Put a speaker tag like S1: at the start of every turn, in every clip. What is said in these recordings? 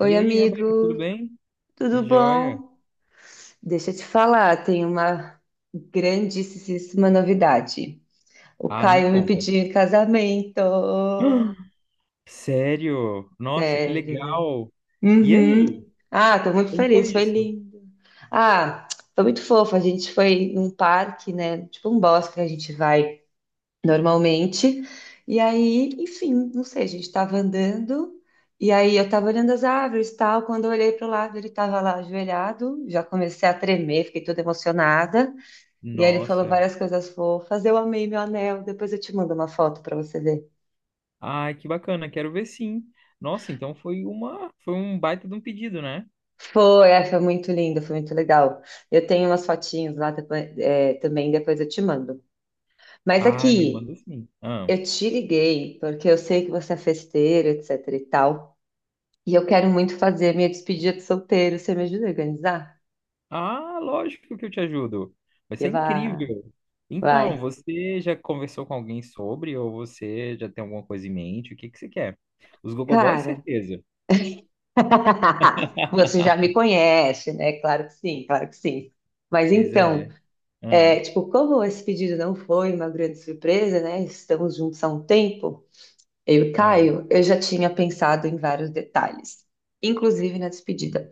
S1: E aí, Rebeca, tudo
S2: amigo,
S1: bem?
S2: tudo
S1: Joia.
S2: bom? Deixa eu te falar, tem uma grandíssima novidade. O
S1: Ah, me
S2: Caio me
S1: conta.
S2: pediu em casamento.
S1: Sério? Nossa, que
S2: Sério.
S1: legal. E
S2: Uhum.
S1: aí?
S2: Ah, tô muito
S1: Como
S2: feliz,
S1: foi
S2: foi
S1: isso?
S2: lindo. Ah, foi muito fofo. A gente foi num parque, né? Tipo um bosque que a gente vai normalmente. E aí, enfim, não sei, a gente estava andando, e aí eu estava olhando as árvores e tal. Quando eu olhei para o lado, ele estava lá ajoelhado, já comecei a tremer, fiquei toda emocionada. E aí ele falou
S1: Nossa.
S2: várias coisas fofas. Eu amei meu anel, depois eu te mando uma foto para você ver.
S1: Ai, que bacana. Quero ver sim. Nossa, então foi um baita de um pedido, né?
S2: Foi muito lindo, foi muito legal. Eu tenho umas fotinhas lá também, depois eu te mando. Mas
S1: Ah, me
S2: aqui.
S1: manda sim. Ah.
S2: Eu te liguei porque eu sei que você é festeiro, etc e tal. E eu quero muito fazer minha despedida de solteiro. Você me ajuda a organizar?
S1: Ah, lógico que eu te ajudo. Vai
S2: E
S1: ser
S2: vai,
S1: incrível.
S2: vai.
S1: Então, você já conversou com alguém sobre ou você já tem alguma coisa em mente? O que que você quer? Os Gogoboys,
S2: Cara,
S1: certeza.
S2: você já me conhece, né? Claro que sim, claro que sim. Mas
S1: Pois
S2: então,
S1: é. Ah,
S2: tipo, como esse pedido não foi uma grande surpresa, né? Estamos juntos há um tempo, eu e o
S1: ah.
S2: Caio, eu já tinha pensado em vários detalhes, inclusive na despedida.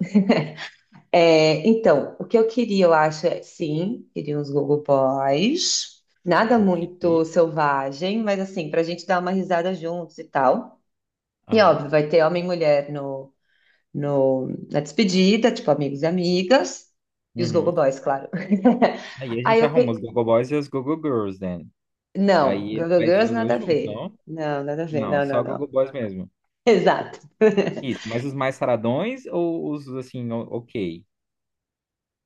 S2: É, então, o que eu queria, eu acho, sim, queria uns Google Boys. Nada
S1: Ok.
S2: muito selvagem, mas assim, pra gente dar uma risada juntos e tal. E
S1: Aham.
S2: óbvio, vai ter homem e mulher no, no, na despedida, tipo amigos e amigas. E os gogo
S1: Uhum.
S2: Boys, claro.
S1: Aí a
S2: Aí
S1: gente
S2: eu
S1: arruma os
S2: pensei,
S1: Gogo Boys e os Gogo Girls, né?
S2: não,
S1: Aí ele
S2: gogo
S1: faz
S2: Girls
S1: os
S2: nada
S1: dois
S2: a
S1: juntos,
S2: ver.
S1: não?
S2: Não, nada a ver,
S1: Não,
S2: não, não,
S1: só Gogo
S2: não.
S1: Boys mesmo.
S2: Exato.
S1: Isso, mas os mais saradões ou os assim, ok?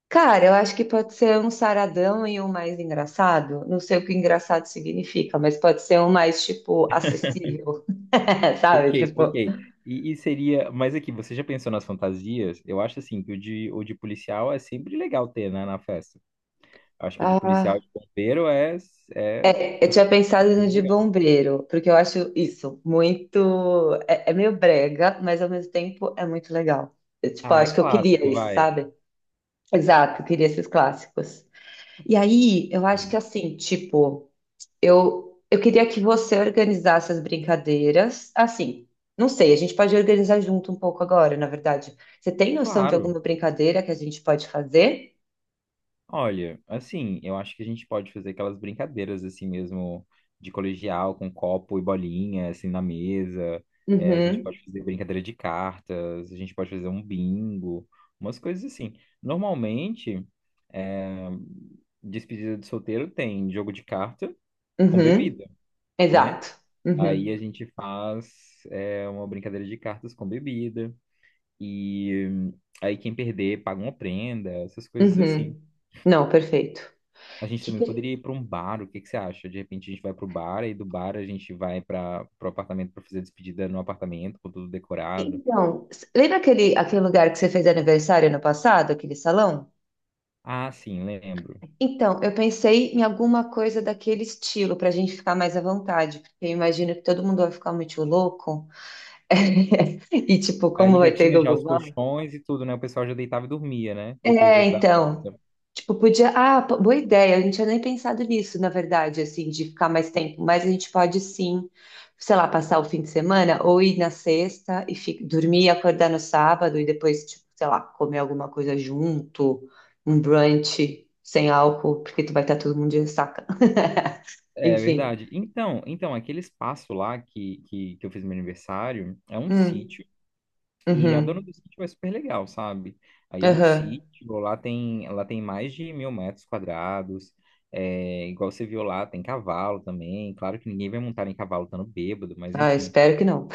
S2: Cara, eu acho que pode ser um saradão e um mais engraçado. Não sei o que engraçado significa, mas pode ser um mais, tipo, acessível,
S1: Ok,
S2: sabe?
S1: ok.
S2: Tipo,
S1: E seria. Mas aqui, você já pensou nas fantasias? Eu acho assim que o de policial é sempre legal ter, né, na festa. Acho que o de policial e
S2: ah,
S1: de bombeiro é
S2: eu
S1: assim,
S2: tinha pensado no de
S1: legal.
S2: bombeiro, porque eu acho isso muito. É meio brega, mas ao mesmo tempo é muito legal. Eu, tipo,
S1: Ah, é
S2: acho que eu queria
S1: clássico,
S2: isso,
S1: vai.
S2: sabe? Exato, eu queria esses clássicos. E aí, eu acho que
S1: Sim.
S2: assim, tipo. Eu queria que você organizasse as brincadeiras. Assim, não sei, a gente pode organizar junto um pouco agora, na verdade. Você tem noção de
S1: Claro.
S2: alguma brincadeira que a gente pode fazer?
S1: Olha, assim, eu acho que a gente pode fazer aquelas brincadeiras assim mesmo de colegial com copo e bolinha assim na mesa. É, a gente
S2: Uhum,
S1: pode fazer brincadeira de cartas, a gente pode fazer um bingo, umas coisas assim. Normalmente, é, despedida de solteiro tem jogo de carta com bebida,
S2: uhum,
S1: né?
S2: exato.
S1: Aí a
S2: Uhum,
S1: gente faz é, uma brincadeira de cartas com bebida e aí quem perder paga uma prenda, essas coisas assim.
S2: uhum. Não, perfeito.
S1: A gente
S2: Que
S1: também
S2: per-
S1: poderia ir para um bar, o que que você acha? De repente a gente vai para o bar e do bar a gente vai para o apartamento para fazer a despedida no apartamento, com tudo decorado.
S2: Então, lembra aquele lugar que você fez aniversário ano passado, aquele salão?
S1: Ah, sim, lembro.
S2: Então, eu pensei em alguma coisa daquele estilo, para a gente ficar mais à vontade, porque eu imagino que todo mundo vai ficar muito louco. E tipo,
S1: Aí
S2: como vai
S1: já
S2: ter
S1: tinha já
S2: Google
S1: os
S2: Maps?
S1: colchões e tudo, né? O pessoal já deitava e dormia, né? Depois
S2: É,
S1: da
S2: então,
S1: festa.
S2: tipo, podia, ah, boa ideia, a gente tinha nem pensado nisso, na verdade, assim, de ficar mais tempo, mas a gente pode sim, sei lá, passar o fim de semana ou ir na sexta e dormir e acordar no sábado e depois, tipo, sei lá, comer alguma coisa junto, um brunch sem álcool, porque tu vai estar todo mundo de ressaca.
S1: É
S2: Enfim.
S1: verdade. Então aquele espaço lá que eu fiz meu aniversário é um
S2: Hum,
S1: sítio. E a dona
S2: uhum,
S1: do sítio é super legal, sabe? Aí é um
S2: aham.
S1: sítio, lá tem mais de 1.000 metros quadrados. É, igual você viu lá, tem cavalo também. Claro que ninguém vai montar em cavalo estando bêbado, mas
S2: Ah,
S1: enfim.
S2: espero que não.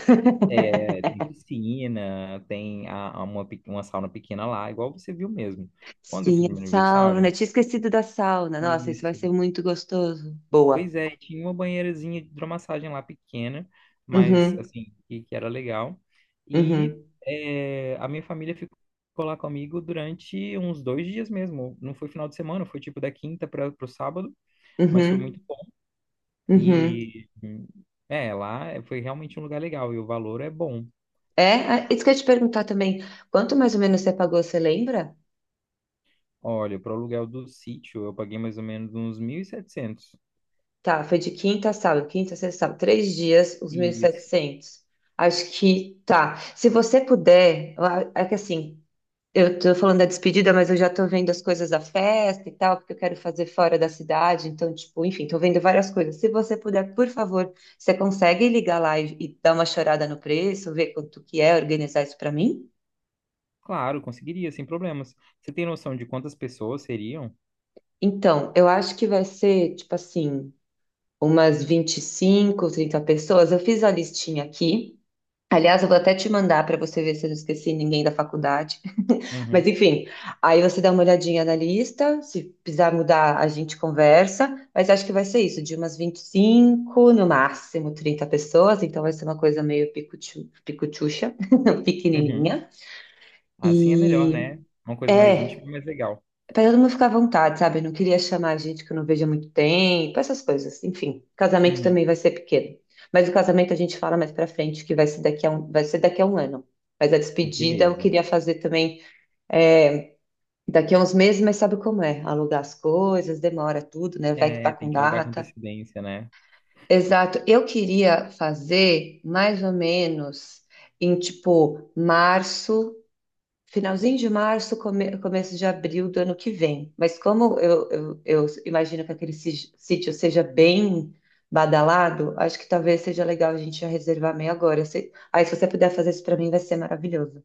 S1: É, tem piscina, tem uma sauna pequena lá, igual você viu mesmo. Quando eu fiz
S2: Sim, a
S1: meu aniversário,
S2: sauna. Eu tinha esquecido da sauna. Nossa, isso vai
S1: isso.
S2: ser muito gostoso. Boa.
S1: Pois é, e tinha uma banheirazinha de hidromassagem lá pequena, mas
S2: Uhum,
S1: assim, que era legal. E
S2: uhum,
S1: a minha família ficou lá comigo durante uns 2 dias mesmo. Não foi final de semana, foi tipo da quinta para o sábado, mas foi muito
S2: uhum,
S1: bom.
S2: uhum.
S1: E lá foi realmente um lugar legal e o valor é bom.
S2: É, ah, isso que eu ia te perguntar também. Quanto mais ou menos você pagou, você lembra?
S1: Olha, para o aluguel do sítio eu paguei mais ou menos uns 1.700.
S2: Tá, foi de quinta a sábado, quinta, sexta, sábado, 3 dias, os mil e
S1: Isso.
S2: setecentos Acho que tá. Se você puder, é que assim, eu tô falando da despedida, mas eu já tô vendo as coisas da festa e tal, porque eu quero fazer fora da cidade. Então, tipo, enfim, tô vendo várias coisas. Se você puder, por favor, você consegue ligar lá e dar uma chorada no preço, ver quanto que é, organizar isso pra mim?
S1: Claro, conseguiria, sem problemas. Você tem noção de quantas pessoas seriam?
S2: Então, eu acho que vai ser, tipo assim, umas 25, 30 pessoas. Eu fiz a listinha aqui. Aliás, eu vou até te mandar para você ver se eu não esqueci ninguém da faculdade. Mas
S1: Uhum.
S2: enfim, aí você dá uma olhadinha na lista, se precisar mudar, a gente conversa, mas acho que vai ser isso, de umas 25 no máximo 30 pessoas, então vai ser uma coisa meio picuchu, picuchucha,
S1: Uhum.
S2: pequenininha.
S1: Assim é melhor,
S2: E
S1: né? Uma coisa mais
S2: é,
S1: íntima, mais legal.
S2: para todo mundo ficar à vontade, sabe? Eu não queria chamar gente que eu não vejo há muito tempo, essas coisas. Enfim, casamento
S1: Uhum.
S2: também vai ser pequeno. Mas o casamento a gente fala mais pra frente, que vai ser daqui a um ano. Mas a despedida eu
S1: Beleza.
S2: queria fazer também é, Daqui a uns meses, mas sabe como é? Alugar as coisas, demora tudo, né? Vai que tá
S1: É, tem
S2: com
S1: que alugar com
S2: data.
S1: antecedência, né?
S2: Exato. Eu queria fazer mais ou menos em tipo março, finalzinho de março, começo de abril do ano que vem. Mas como eu imagino que aquele sítio seja bem badalado, acho que talvez seja legal a gente já reservar meio agora. Aí, se você puder fazer isso para mim, vai ser maravilhoso.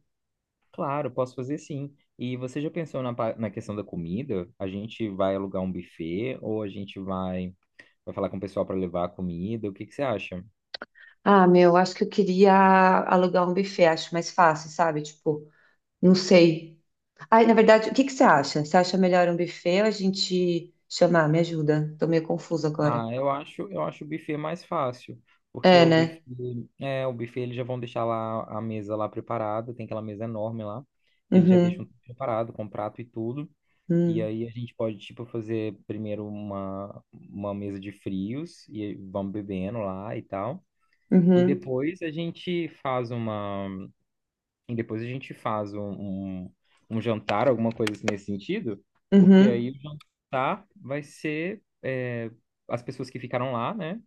S1: Claro, posso fazer sim. E você já pensou na questão da comida? A gente vai alugar um buffet ou a gente vai falar com o pessoal para levar a comida? O que que você acha?
S2: Ah, meu, acho que eu queria alugar um buffet, acho mais fácil, sabe? Tipo. Não sei. Ai, na verdade, o que que você acha? Você acha melhor um buffet ou a gente chamar? Me ajuda. Tô meio confusa agora.
S1: Ah, eu acho o buffet mais fácil, porque
S2: É,
S1: o buffet,
S2: né?
S1: é, o buffet eles já vão deixar lá a mesa lá preparada, tem aquela mesa enorme lá. Eles já deixam
S2: Uhum,
S1: tudo preparado com prato e tudo. E
S2: uhum,
S1: aí a gente pode tipo fazer primeiro uma mesa de frios e vamos bebendo lá e tal. E
S2: uhum,
S1: depois a gente faz uma e depois a gente faz um jantar, alguma coisa assim nesse sentido, porque aí
S2: uhum,
S1: o jantar vai ser as pessoas que ficaram lá, né?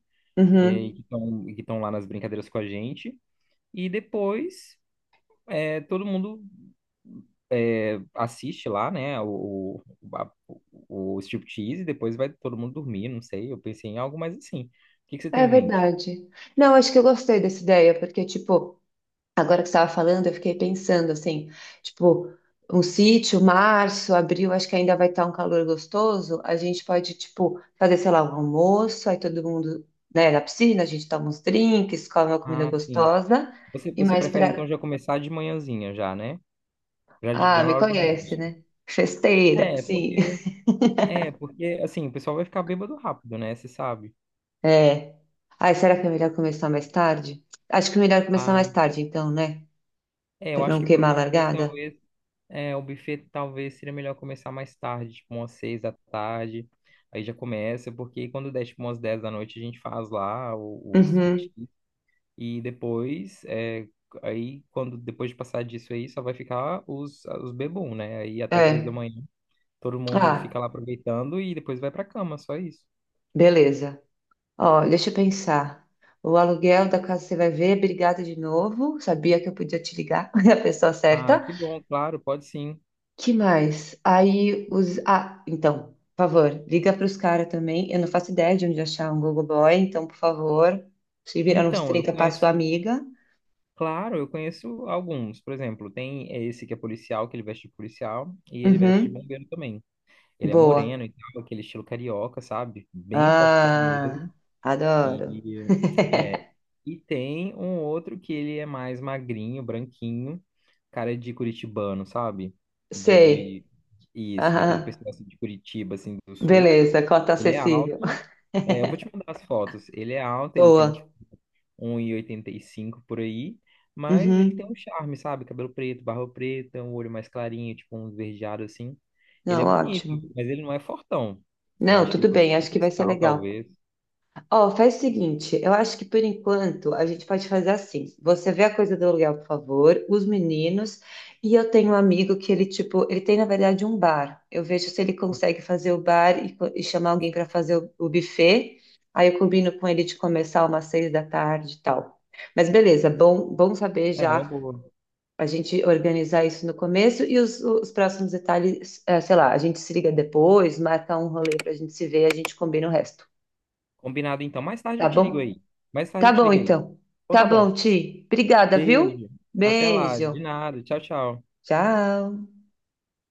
S1: E que
S2: uhum.
S1: estão lá nas brincadeiras com a gente. E depois todo mundo assiste lá, né? O striptease, e depois vai todo mundo dormir, não sei. Eu pensei em algo mais assim. O que que você tem
S2: É
S1: em mente?
S2: verdade. Não, acho que eu gostei dessa ideia, porque, tipo, agora que você estava falando, eu fiquei pensando assim, tipo, um sítio, março, abril, acho que ainda vai estar um calor gostoso. A gente pode, tipo, fazer, sei lá, um almoço, aí todo mundo, né, na piscina, a gente toma uns drinks, come uma comida
S1: Ah, sim.
S2: gostosa
S1: Você,
S2: e
S1: você
S2: mais
S1: prefere então
S2: pra.
S1: já começar de manhãzinha já, né? Já,
S2: Ah,
S1: já na
S2: me
S1: hora do
S2: conhece,
S1: almoço.
S2: né? Festeira,
S1: É,
S2: sim.
S1: porque, porque, assim, o pessoal vai ficar bêbado rápido, né? Você sabe.
S2: É. Ai, será que é melhor começar mais tarde? Acho que é melhor começar mais
S1: Ah,
S2: tarde, então, né?
S1: eu
S2: Pra
S1: acho
S2: não
S1: que pro
S2: queimar a
S1: buffet,
S2: largada.
S1: talvez, é, o buffet talvez seria melhor começar mais tarde, tipo umas 6 da tarde. Aí já começa, porque quando der, tipo, umas 10 da noite, a gente faz lá o
S2: Uhum.
S1: striptease. E depois, aí, depois de passar disso aí, só vai ficar os bebum, né? Aí até três da
S2: É.
S1: manhã, todo mundo
S2: Ah,
S1: fica lá aproveitando e depois vai pra cama, só isso.
S2: beleza. Ó, deixa eu pensar. O aluguel da casa você vai ver. Obrigada de novo. Sabia que eu podia te ligar, é a pessoa
S1: Ah,
S2: certa.
S1: que bom, claro, pode sim.
S2: Que mais? Aí os. Ah, então, por favor, liga para os caras também. Eu não faço ideia de onde achar um Google Boy, então, por favor, se virar nos
S1: Então, eu
S2: trinta para sua
S1: conheço.
S2: amiga.
S1: Claro, eu conheço alguns. Por exemplo, tem é esse que é policial, que ele veste de policial, e ele veste de
S2: Uhum,
S1: bombeiro também. Ele é
S2: boa.
S1: moreno e tal, aquele estilo carioca, sabe? Bem fortão
S2: Ah,
S1: mesmo.
S2: adoro.
S1: E, é, e tem um outro que ele é mais magrinho, branquinho, cara de curitibano, sabe? De,
S2: Sei.
S1: de, isso, daquele
S2: Aham.
S1: pessoal assim, de Curitiba, assim, do sul.
S2: Beleza, cota
S1: Ele é
S2: acessível.
S1: alto. É, eu vou te mandar as fotos. Ele é alto, ele tem, tipo,
S2: Boa.
S1: um e oitenta e cinco por aí, mas ele tem um
S2: Uhum.
S1: charme, sabe? Cabelo preto, barba preta, um olho mais clarinho, tipo um esverdeado assim. Ele é
S2: Não,
S1: bonito,
S2: ótimo.
S1: mas ele não é fortão. Eu
S2: Não,
S1: acho que ele
S2: tudo
S1: pode
S2: bem,
S1: ser
S2: acho que vai ser
S1: cristal,
S2: legal.
S1: talvez.
S2: Ó, faz o seguinte, eu acho que por enquanto a gente pode fazer assim. Você vê a coisa do aluguel, por favor, os meninos, e eu tenho um amigo que ele, tipo, ele tem, na verdade, um bar. Eu vejo se ele consegue fazer o bar e chamar alguém para fazer o buffet. Aí eu combino com ele de começar umas 6 da tarde e tal. Mas beleza, bom saber
S1: É, uma
S2: já
S1: boa.
S2: a gente organizar isso no começo e os próximos detalhes, sei lá, a gente se liga depois, marca um rolê para a gente se ver, a gente combina o resto,
S1: Combinado então. Mais tarde eu
S2: tá
S1: te ligo
S2: bom?
S1: aí. Mais tarde
S2: Tá
S1: eu te
S2: bom,
S1: ligo aí.
S2: então.
S1: Então
S2: Tá
S1: tá bom.
S2: bom, Ti. Obrigada, viu?
S1: Beijo. Até lá. De
S2: Beijo.
S1: nada. Tchau, tchau.
S2: Tchau.